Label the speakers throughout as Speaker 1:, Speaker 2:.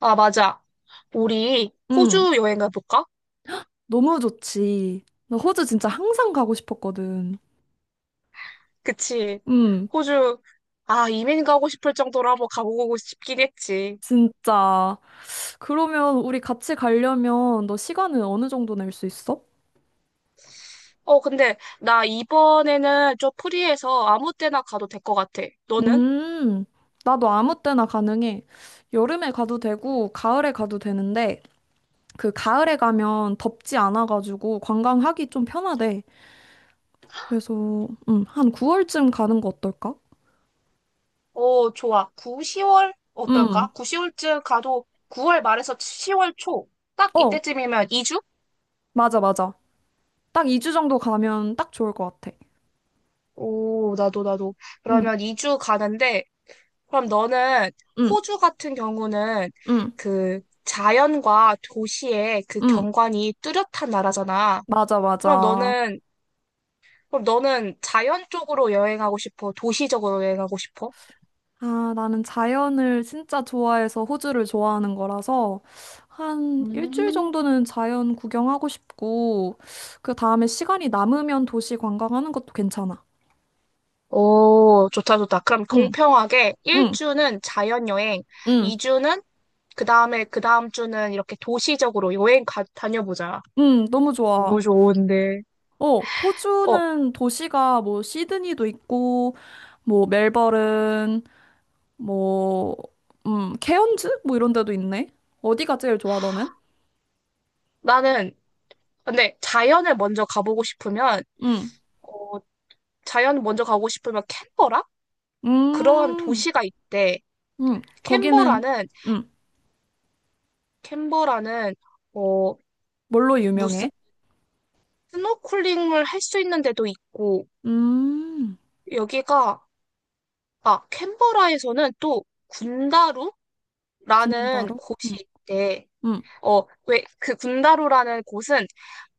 Speaker 1: 아, 맞아. 우리
Speaker 2: 응,
Speaker 1: 호주 여행 가볼까?
Speaker 2: 너무 좋지. 나 호주 진짜 항상 가고 싶었거든.
Speaker 1: 그치.
Speaker 2: 응,
Speaker 1: 호주, 아, 이민 가고 싶을 정도로 한번 가보고 싶긴 했지.
Speaker 2: 진짜. 그러면 우리 같이 가려면 너 시간은 어느 정도 낼 수 있어?
Speaker 1: 어, 근데 나 이번에는 좀 프리해서 아무 때나 가도 될 것 같아. 너는?
Speaker 2: 음, 나도 아무 때나 가능해. 여름에 가도 되고, 가을에 가도 되는데, 그 가을에 가면 덥지 않아가지고 관광하기 좀 편하대. 그래서, 한 9월쯤 가는 거 어떨까?
Speaker 1: 어, 좋아. 9, 10월
Speaker 2: 음,
Speaker 1: 어떨까? 9, 10월쯤 가도 9월 말에서 10월 초. 딱
Speaker 2: 어,
Speaker 1: 이때쯤이면 2주?
Speaker 2: 맞아, 맞아. 딱 2주 정도 가면 딱 좋을 것 같아.
Speaker 1: 오, 나도, 나도.
Speaker 2: 응,
Speaker 1: 그러면 2주 가는데, 그럼 너는
Speaker 2: 응,
Speaker 1: 호주 같은 경우는
Speaker 2: 응.
Speaker 1: 그 자연과 도시의 그
Speaker 2: 응.
Speaker 1: 경관이 뚜렷한 나라잖아.
Speaker 2: 맞아,
Speaker 1: 그럼
Speaker 2: 맞아.
Speaker 1: 너는 그럼 너는 자연 쪽으로 여행하고 싶어? 도시적으로 여행하고 싶어?
Speaker 2: 아, 나는 자연을 진짜 좋아해서 호주를 좋아하는 거라서 한 일주일
Speaker 1: 음.
Speaker 2: 정도는 자연 구경하고 싶고 그 다음에 시간이 남으면 도시 관광하는 것도 괜찮아.
Speaker 1: 오, 좋다, 좋다. 그럼
Speaker 2: 응,
Speaker 1: 공평하게
Speaker 2: 응,
Speaker 1: 1주는 자연 여행,
Speaker 2: 응,
Speaker 1: 2주는 그 다음에 그 다음 주는 이렇게 도시적으로 여행 가, 다녀보자.
Speaker 2: 응, 너무
Speaker 1: 너무
Speaker 2: 좋아.
Speaker 1: 좋은데.
Speaker 2: 어,
Speaker 1: 어,
Speaker 2: 호주는 도시가 뭐 시드니도 있고 뭐 멜버른 뭐 케언즈 뭐 이런 데도 있네. 어디가 제일 좋아 너는?
Speaker 1: 나는 근데 자연을 먼저 가보고 싶으면
Speaker 2: 응.
Speaker 1: 자연 먼저 가고 싶으면 캔버라? 그러한
Speaker 2: 음.
Speaker 1: 도시가 있대.
Speaker 2: 음. 거기는
Speaker 1: 캔버라는,
Speaker 2: 응.
Speaker 1: 캔버라는, 어,
Speaker 2: 뭘로
Speaker 1: 무슨
Speaker 2: 유명해?
Speaker 1: 스노클링을 할 수 있는 데도 있고,
Speaker 2: 음,
Speaker 1: 여기가, 아, 캔버라에서는 또 군다루라는
Speaker 2: 군바로?
Speaker 1: 곳이
Speaker 2: 응,
Speaker 1: 있대.
Speaker 2: 응.
Speaker 1: 어, 왜, 그 군다루라는 곳은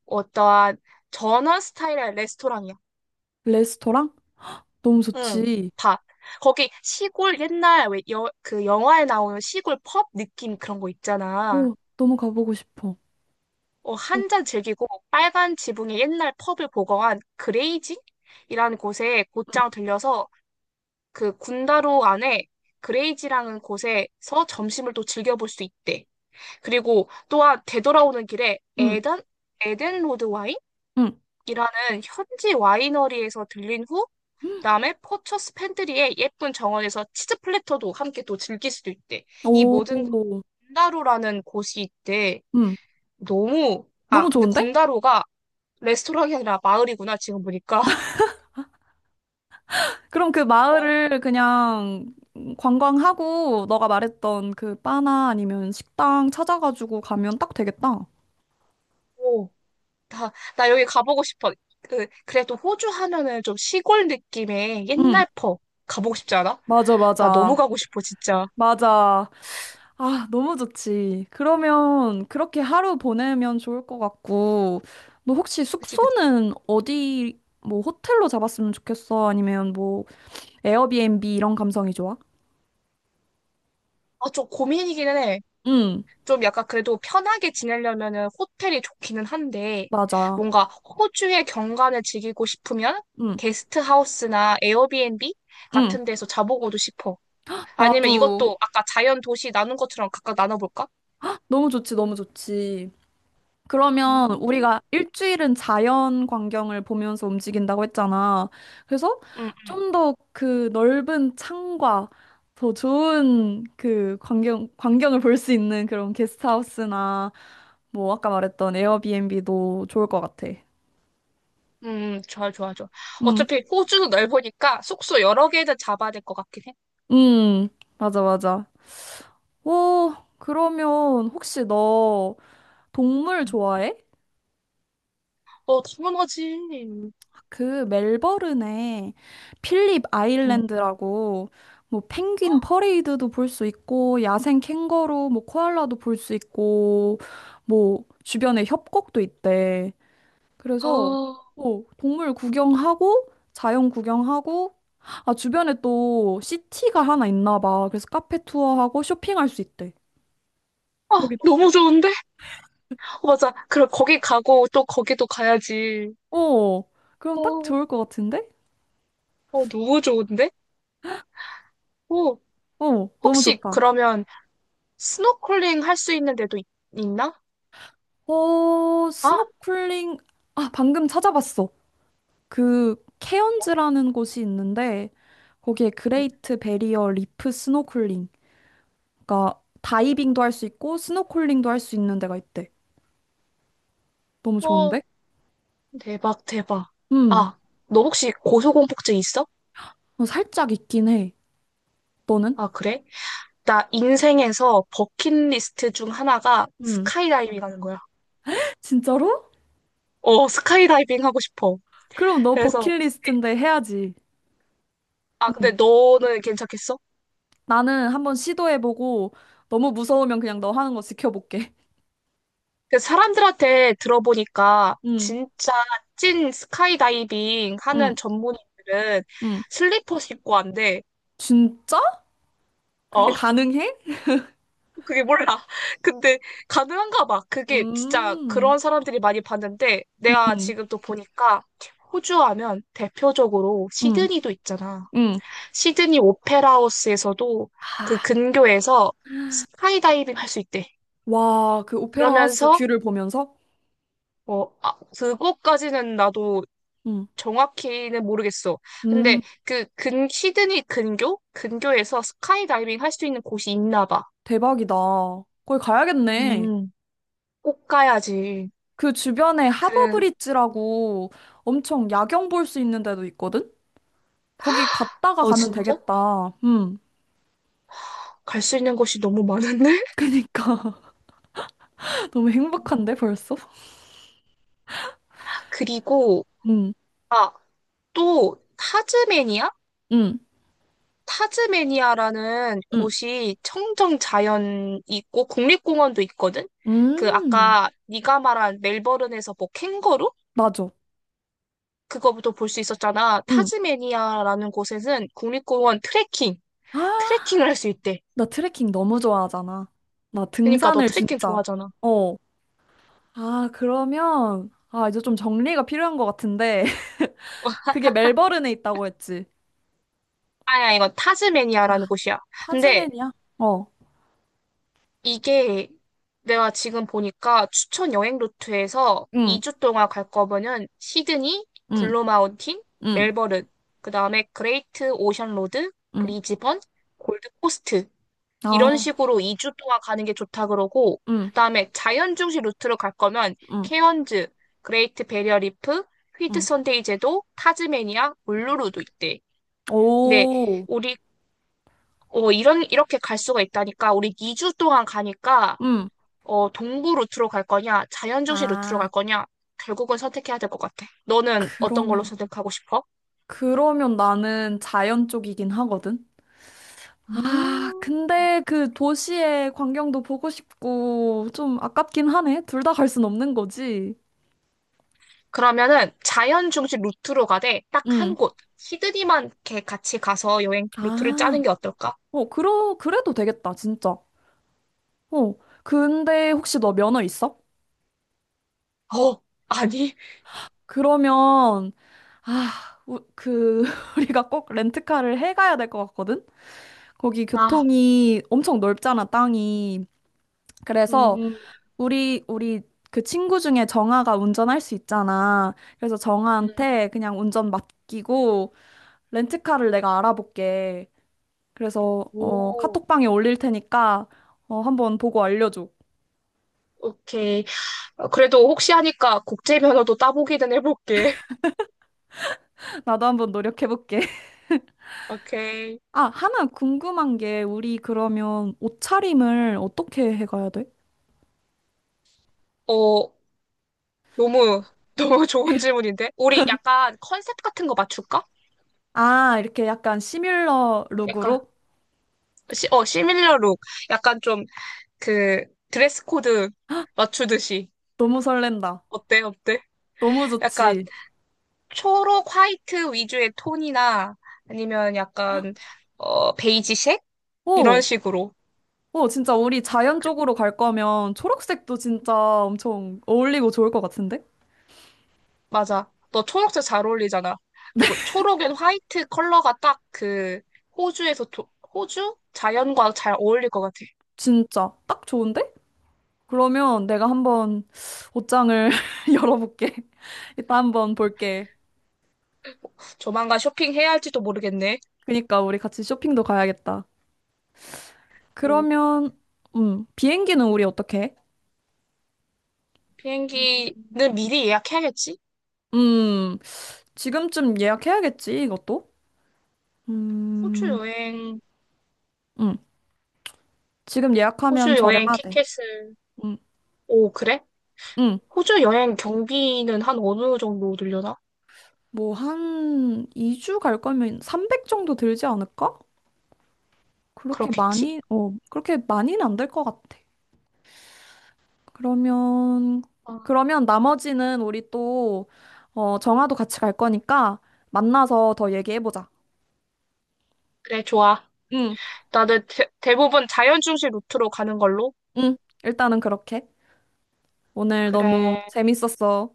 Speaker 1: 어떠한 전원 스타일의 레스토랑이야.
Speaker 2: 레스토랑? 너무
Speaker 1: 응,
Speaker 2: 좋지.
Speaker 1: 다. 거기 시골 옛날 왜 여, 그 영화에 나오는 시골 펍 느낌 그런 거 있잖아.
Speaker 2: 오, 너무 가보고 싶어.
Speaker 1: 어,
Speaker 2: 오,
Speaker 1: 한잔 즐기고 빨간 지붕의 옛날 펍을 보거한 그레이지이라는 곳에 곧장 들려서 그 군다로 안에 그레이지라는 곳에서 점심을 또 즐겨볼 수 있대. 그리고 또한 되돌아오는 길에
Speaker 2: 응,
Speaker 1: 에덴, 에덴 로드
Speaker 2: 응,
Speaker 1: 와인이라는 현지 와이너리에서 들린 후
Speaker 2: 응.
Speaker 1: 그다음에 포처스 팬트리의 예쁜 정원에서 치즈 플래터도 함께 또 즐길 수도 있대. 이
Speaker 2: 오,
Speaker 1: 모든 군다로라는 곳이 있대.
Speaker 2: 응.
Speaker 1: 너무 아
Speaker 2: 너무
Speaker 1: 근데
Speaker 2: 좋은데?
Speaker 1: 군다로가 레스토랑이 아니라 마을이구나, 지금 보니까.
Speaker 2: 그럼 그
Speaker 1: 어,
Speaker 2: 마을을 그냥 관광하고 너가 말했던 그 바나 아니면 식당 찾아가지고 가면 딱 되겠다.
Speaker 1: 오, 나 여기 가보고 싶어. 그래도 호주 하면은 좀 시골 느낌의
Speaker 2: 응,
Speaker 1: 옛날 퍼 가보고 싶지 않아?
Speaker 2: 맞아,
Speaker 1: 나 너무
Speaker 2: 맞아.
Speaker 1: 가고 싶어, 진짜.
Speaker 2: 맞아. 아, 너무 좋지. 그러면 그렇게 하루 보내면 좋을 것 같고, 너 혹시
Speaker 1: 그치, 그치.
Speaker 2: 숙소는 어디, 뭐 호텔로 잡았으면 좋겠어? 아니면 뭐 에어비앤비 이런 감성이 좋아?
Speaker 1: 아, 좀 고민이기는 해.
Speaker 2: 응,
Speaker 1: 좀 약간 그래도 편하게 지내려면은 호텔이 좋기는 한데,
Speaker 2: 맞아.
Speaker 1: 뭔가 호주의 경관을 즐기고 싶으면
Speaker 2: 응,
Speaker 1: 게스트 하우스나 에어비앤비
Speaker 2: 응.
Speaker 1: 같은 데서 자보고도 싶어. 아니면
Speaker 2: 나도
Speaker 1: 이것도 아까 자연 도시 나눈 것처럼 각각 나눠볼까?
Speaker 2: 너무 좋지, 너무 좋지. 그러면
Speaker 1: 음,
Speaker 2: 우리가 일주일은 자연 광경을 보면서 움직인다고 했잖아. 그래서
Speaker 1: 음,
Speaker 2: 좀 더 그 넓은 창과 더 좋은 그 광경, 광경을 볼 수 있는 그런 게스트하우스나 뭐 아까 말했던 에어비앤비도 좋을 것 같아.
Speaker 1: 좋아, 좋아, 좋아.
Speaker 2: 응,
Speaker 1: 어차피 호주도 넓으니까 숙소 여러 개는 잡아야 될 것 같긴 해.
Speaker 2: 응, 맞아, 맞아. 오, 그러면 혹시 너 동물
Speaker 1: 음.
Speaker 2: 좋아해?
Speaker 1: 어, 당연하지.
Speaker 2: 그 멜버른에 필립
Speaker 1: 어,
Speaker 2: 아일랜드라고 뭐 펭귄 퍼레이드도 볼 수 있고 야생 캥거루 뭐 코알라도 볼 수 있고 뭐 주변에 협곡도 있대.
Speaker 1: 아,
Speaker 2: 그래서 뭐 동물 구경하고 자연 구경하고 아 주변에 또 시티가 하나 있나 봐. 그래서 카페 투어하고 쇼핑할 수 있대.
Speaker 1: 아,
Speaker 2: 여긴 어때?
Speaker 1: 너무 좋은데? 어, 맞아. 그럼 거기 가고 또 거기도 가야지.
Speaker 2: 어. 그럼 딱
Speaker 1: 어,
Speaker 2: 좋을 것 같은데?
Speaker 1: 어, 너무 좋은데? 어,
Speaker 2: 어, 너무
Speaker 1: 혹시
Speaker 2: 좋다.
Speaker 1: 그러면 스노클링 할 수 있는 데도 있, 나
Speaker 2: 어,
Speaker 1: 아,
Speaker 2: 스노클링, 아, 방금 찾아봤어. 그, 케언즈라는 곳이 있는데, 거기에
Speaker 1: 음.
Speaker 2: 그레이트 베리어 리프 스노클링. 그러니까, 다이빙도 할 수 있고, 스노클링도 할 수 있는 데가 있대. 너무
Speaker 1: 어,
Speaker 2: 좋은데?
Speaker 1: 대박, 대박.
Speaker 2: 음,
Speaker 1: 아, 너 혹시 고소공포증 있어?
Speaker 2: 살짝 있긴 해. 너는?
Speaker 1: 아, 그래? 나 인생에서 버킷리스트 중 하나가
Speaker 2: 음.
Speaker 1: 스카이다이빙 하는 거야.
Speaker 2: 진짜로?
Speaker 1: 어, 스카이다이빙 하고 싶어.
Speaker 2: 그럼 너
Speaker 1: 그래서,
Speaker 2: 버킷리스트인데 해야지.
Speaker 1: 아, 근데
Speaker 2: 음.
Speaker 1: 너는 괜찮겠어?
Speaker 2: 나는 한번 시도해보고, 너무 무서우면 그냥 너 하는 거 지켜볼게.
Speaker 1: 근데 사람들한테 들어보니까
Speaker 2: 음,
Speaker 1: 진짜 찐 스카이다이빙
Speaker 2: 음,
Speaker 1: 하는 전문인들은
Speaker 2: 음.
Speaker 1: 슬리퍼 신고 한대.
Speaker 2: 진짜? 그게
Speaker 1: 어,
Speaker 2: 가능해?
Speaker 1: 그게 몰라. 근데 가능한가 봐. 그게 진짜
Speaker 2: 음,
Speaker 1: 그런 사람들이 많이 봤는데 내가
Speaker 2: 음,
Speaker 1: 지금 또 보니까 호주 하면 대표적으로
Speaker 2: 음,
Speaker 1: 시드니도 있잖아.
Speaker 2: 음.
Speaker 1: 시드니 오페라 하우스에서도 그
Speaker 2: 하,
Speaker 1: 근교에서 스카이다이빙 할 수 있대.
Speaker 2: 와, 그 오페라 하우스
Speaker 1: 그러면서
Speaker 2: 뷰를 보면서?
Speaker 1: 어, 아, 그거까지는 나도
Speaker 2: 음,
Speaker 1: 정확히는 모르겠어.
Speaker 2: 음,
Speaker 1: 근데 그 근, 시드니 근교? 근교에서 스카이다이빙 할 수 있는 곳이 있나 봐.
Speaker 2: 대박이다. 거기 가야겠네.
Speaker 1: 음, 꼭 가야지.
Speaker 2: 그 주변에 하버
Speaker 1: 그래.
Speaker 2: 브릿지라고 엄청 야경 볼 수 있는 데도 있거든? 거기 갔다가
Speaker 1: 어,
Speaker 2: 가면
Speaker 1: 진짜?
Speaker 2: 되겠다.
Speaker 1: 갈 수 있는 곳이 너무 많은데?
Speaker 2: 그니까. 너무 행복한데, 벌써?
Speaker 1: 그리고
Speaker 2: 음,
Speaker 1: 또 타즈메니아?
Speaker 2: 음,
Speaker 1: 타즈메니아라는
Speaker 2: 음,
Speaker 1: 곳이 청정 자연 있고 국립공원도 있거든? 그
Speaker 2: 음.
Speaker 1: 아까 네가 말한 멜버른에서 뭐 캥거루?
Speaker 2: 맞아.
Speaker 1: 그거부터 볼 수 있었잖아.
Speaker 2: 음.
Speaker 1: 타즈메니아라는 곳에는 국립공원 트레킹,
Speaker 2: 아,
Speaker 1: 트레킹을 할 수 있대.
Speaker 2: 나 트레킹 너무 좋아하잖아. 나
Speaker 1: 그러니까 너
Speaker 2: 등산을
Speaker 1: 트레킹
Speaker 2: 진짜.
Speaker 1: 좋아하잖아.
Speaker 2: 어. 아, 그러면, 아, 이제 좀 정리가 필요한 것 같은데. 그게 멜버른에 있다고 했지.
Speaker 1: 아니야, 이건
Speaker 2: 아,
Speaker 1: 타즈메니아라는 곳이야. 근데
Speaker 2: 타즈맨이야? 어,
Speaker 1: 이게 내가 지금 보니까 추천 여행 루트에서
Speaker 2: 응,
Speaker 1: 2주 동안 갈 거면은 시드니,
Speaker 2: 응,
Speaker 1: 블루마운틴,
Speaker 2: 응,
Speaker 1: 멜버른, 그 다음에 그레이트 오션 로드,
Speaker 2: 응.
Speaker 1: 브리즈번, 골드코스트 이런
Speaker 2: 아,
Speaker 1: 식으로 2주 동안 가는 게 좋다 그러고,
Speaker 2: 응,
Speaker 1: 그다음에 자연 중심 루트로 갈 거면
Speaker 2: 응,
Speaker 1: 케언즈, 그레이트 베리어 리프, 휘트
Speaker 2: 응.
Speaker 1: 선데이 제도, 타즈메니아, 울루루도 있대. 근데
Speaker 2: 오,
Speaker 1: 우리 이런 이렇게 갈 수가 있다니까 우리 2주 동안 가니까
Speaker 2: 응.
Speaker 1: 어 동부 루트로 갈 거냐, 자연 중심 루트로
Speaker 2: 아,
Speaker 1: 갈 거냐 결국은 선택해야 될 것 같아. 너는 어떤 걸로
Speaker 2: 그러면,
Speaker 1: 선택하고 싶어?
Speaker 2: 그러면 나는 자연 쪽이긴 하거든? 아,
Speaker 1: 음.
Speaker 2: 근데 그 도시의 광경도 보고 싶고, 좀 아깝긴 하네. 둘 다 갈 순 없는 거지.
Speaker 1: 그러면은 자연 중심 루트로 가되 딱
Speaker 2: 응.
Speaker 1: 한 곳, 시드니만 이렇게 같이 가서 여행 루트를
Speaker 2: 아,
Speaker 1: 짜는 게 어떨까?
Speaker 2: 그래도 되겠다, 진짜. 어, 근데 혹시 너 면허 있어?
Speaker 1: 어, 아니,
Speaker 2: 그러면, 아, 우리가 꼭 렌트카를 해가야 될 것 같거든? 거기
Speaker 1: 아,
Speaker 2: 교통이 엄청 넓잖아, 땅이.
Speaker 1: 음,
Speaker 2: 그래서,
Speaker 1: 음,
Speaker 2: 우리 그 친구 중에 정아가 운전할 수 있잖아. 그래서
Speaker 1: 음.
Speaker 2: 정아한테 그냥 운전 맡기고, 렌트카를 내가 알아볼게. 그래서,
Speaker 1: 오,
Speaker 2: 카톡방에 올릴 테니까, 한번 보고 알려줘.
Speaker 1: 오케이. 어, 그래도 혹시 하니까 국제 면허도 따보기는 해볼게.
Speaker 2: 나도 한번 노력해볼게.
Speaker 1: 오케이.
Speaker 2: 아, 하나 궁금한 게 우리 그러면 옷차림을 어떻게 해가야 돼?
Speaker 1: 어, 너무, 너무 좋은 질문인데? 우리 약간 컨셉 같은 거 맞출까?
Speaker 2: 아, 이렇게 약간 시뮬러
Speaker 1: 약간,
Speaker 2: 룩으로?
Speaker 1: 시, 어, 시밀러 룩. 약간 좀 그 드레스 코드 맞추듯이.
Speaker 2: 너무 설렌다.
Speaker 1: 어때, 어때?
Speaker 2: 너무
Speaker 1: 약간
Speaker 2: 좋지.
Speaker 1: 초록 화이트 위주의 톤이나 아니면 약간 어 베이지색 이런
Speaker 2: 오,
Speaker 1: 식으로
Speaker 2: 오, 진짜 우리 자연
Speaker 1: 그-
Speaker 2: 쪽으로 갈 거면 초록색도 진짜 엄청 어울리고 좋을 것 같은데?
Speaker 1: 맞아 너 초록색 잘 어울리잖아 그리고 초록엔 화이트 컬러가 딱 그 호주에서 조- 호주 자연과 잘 어울릴 것 같아
Speaker 2: 진짜 딱 좋은데? 그러면 내가 한번 옷장을 열어볼게. 이따 한번 볼게.
Speaker 1: 조만간 쇼핑해야 할지도 모르겠네
Speaker 2: 그니까 우리 같이 쇼핑도 가야겠다.
Speaker 1: 오,
Speaker 2: 그러면, 비행기는 우리 어떻게 해?
Speaker 1: 비행기는 미리 예약해야겠지
Speaker 2: 음. 지금쯤 예약해야겠지, 이것도?
Speaker 1: 호주
Speaker 2: 음,
Speaker 1: 여행
Speaker 2: 응. 지금 예약하면
Speaker 1: 호주 여행
Speaker 2: 저렴하대.
Speaker 1: 티켓을
Speaker 2: 응,
Speaker 1: 오 그래
Speaker 2: 응.
Speaker 1: 호주 여행 경비는 한 어느 정도 들려나
Speaker 2: 뭐, 한 2주 갈 거면 300 정도 들지 않을까?
Speaker 1: 그렇겠지
Speaker 2: 그렇게 많이는 안 될 것 같아. 그러면,
Speaker 1: 어,
Speaker 2: 그러면 나머지는 우리 또, 정아도 같이 갈 거니까 만나서 더 얘기해보자.
Speaker 1: 그래 좋아
Speaker 2: 응,
Speaker 1: 나는 대부분 자연 중심 루트로 가는 걸로.
Speaker 2: 응. 일단은 그렇게. 오늘 너무
Speaker 1: 그래.
Speaker 2: 재밌었어.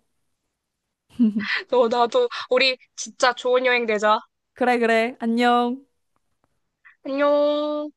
Speaker 1: 나도, 우리 진짜 좋은 여행 되자.
Speaker 2: 그래, 그래. 안녕.
Speaker 1: 안녕.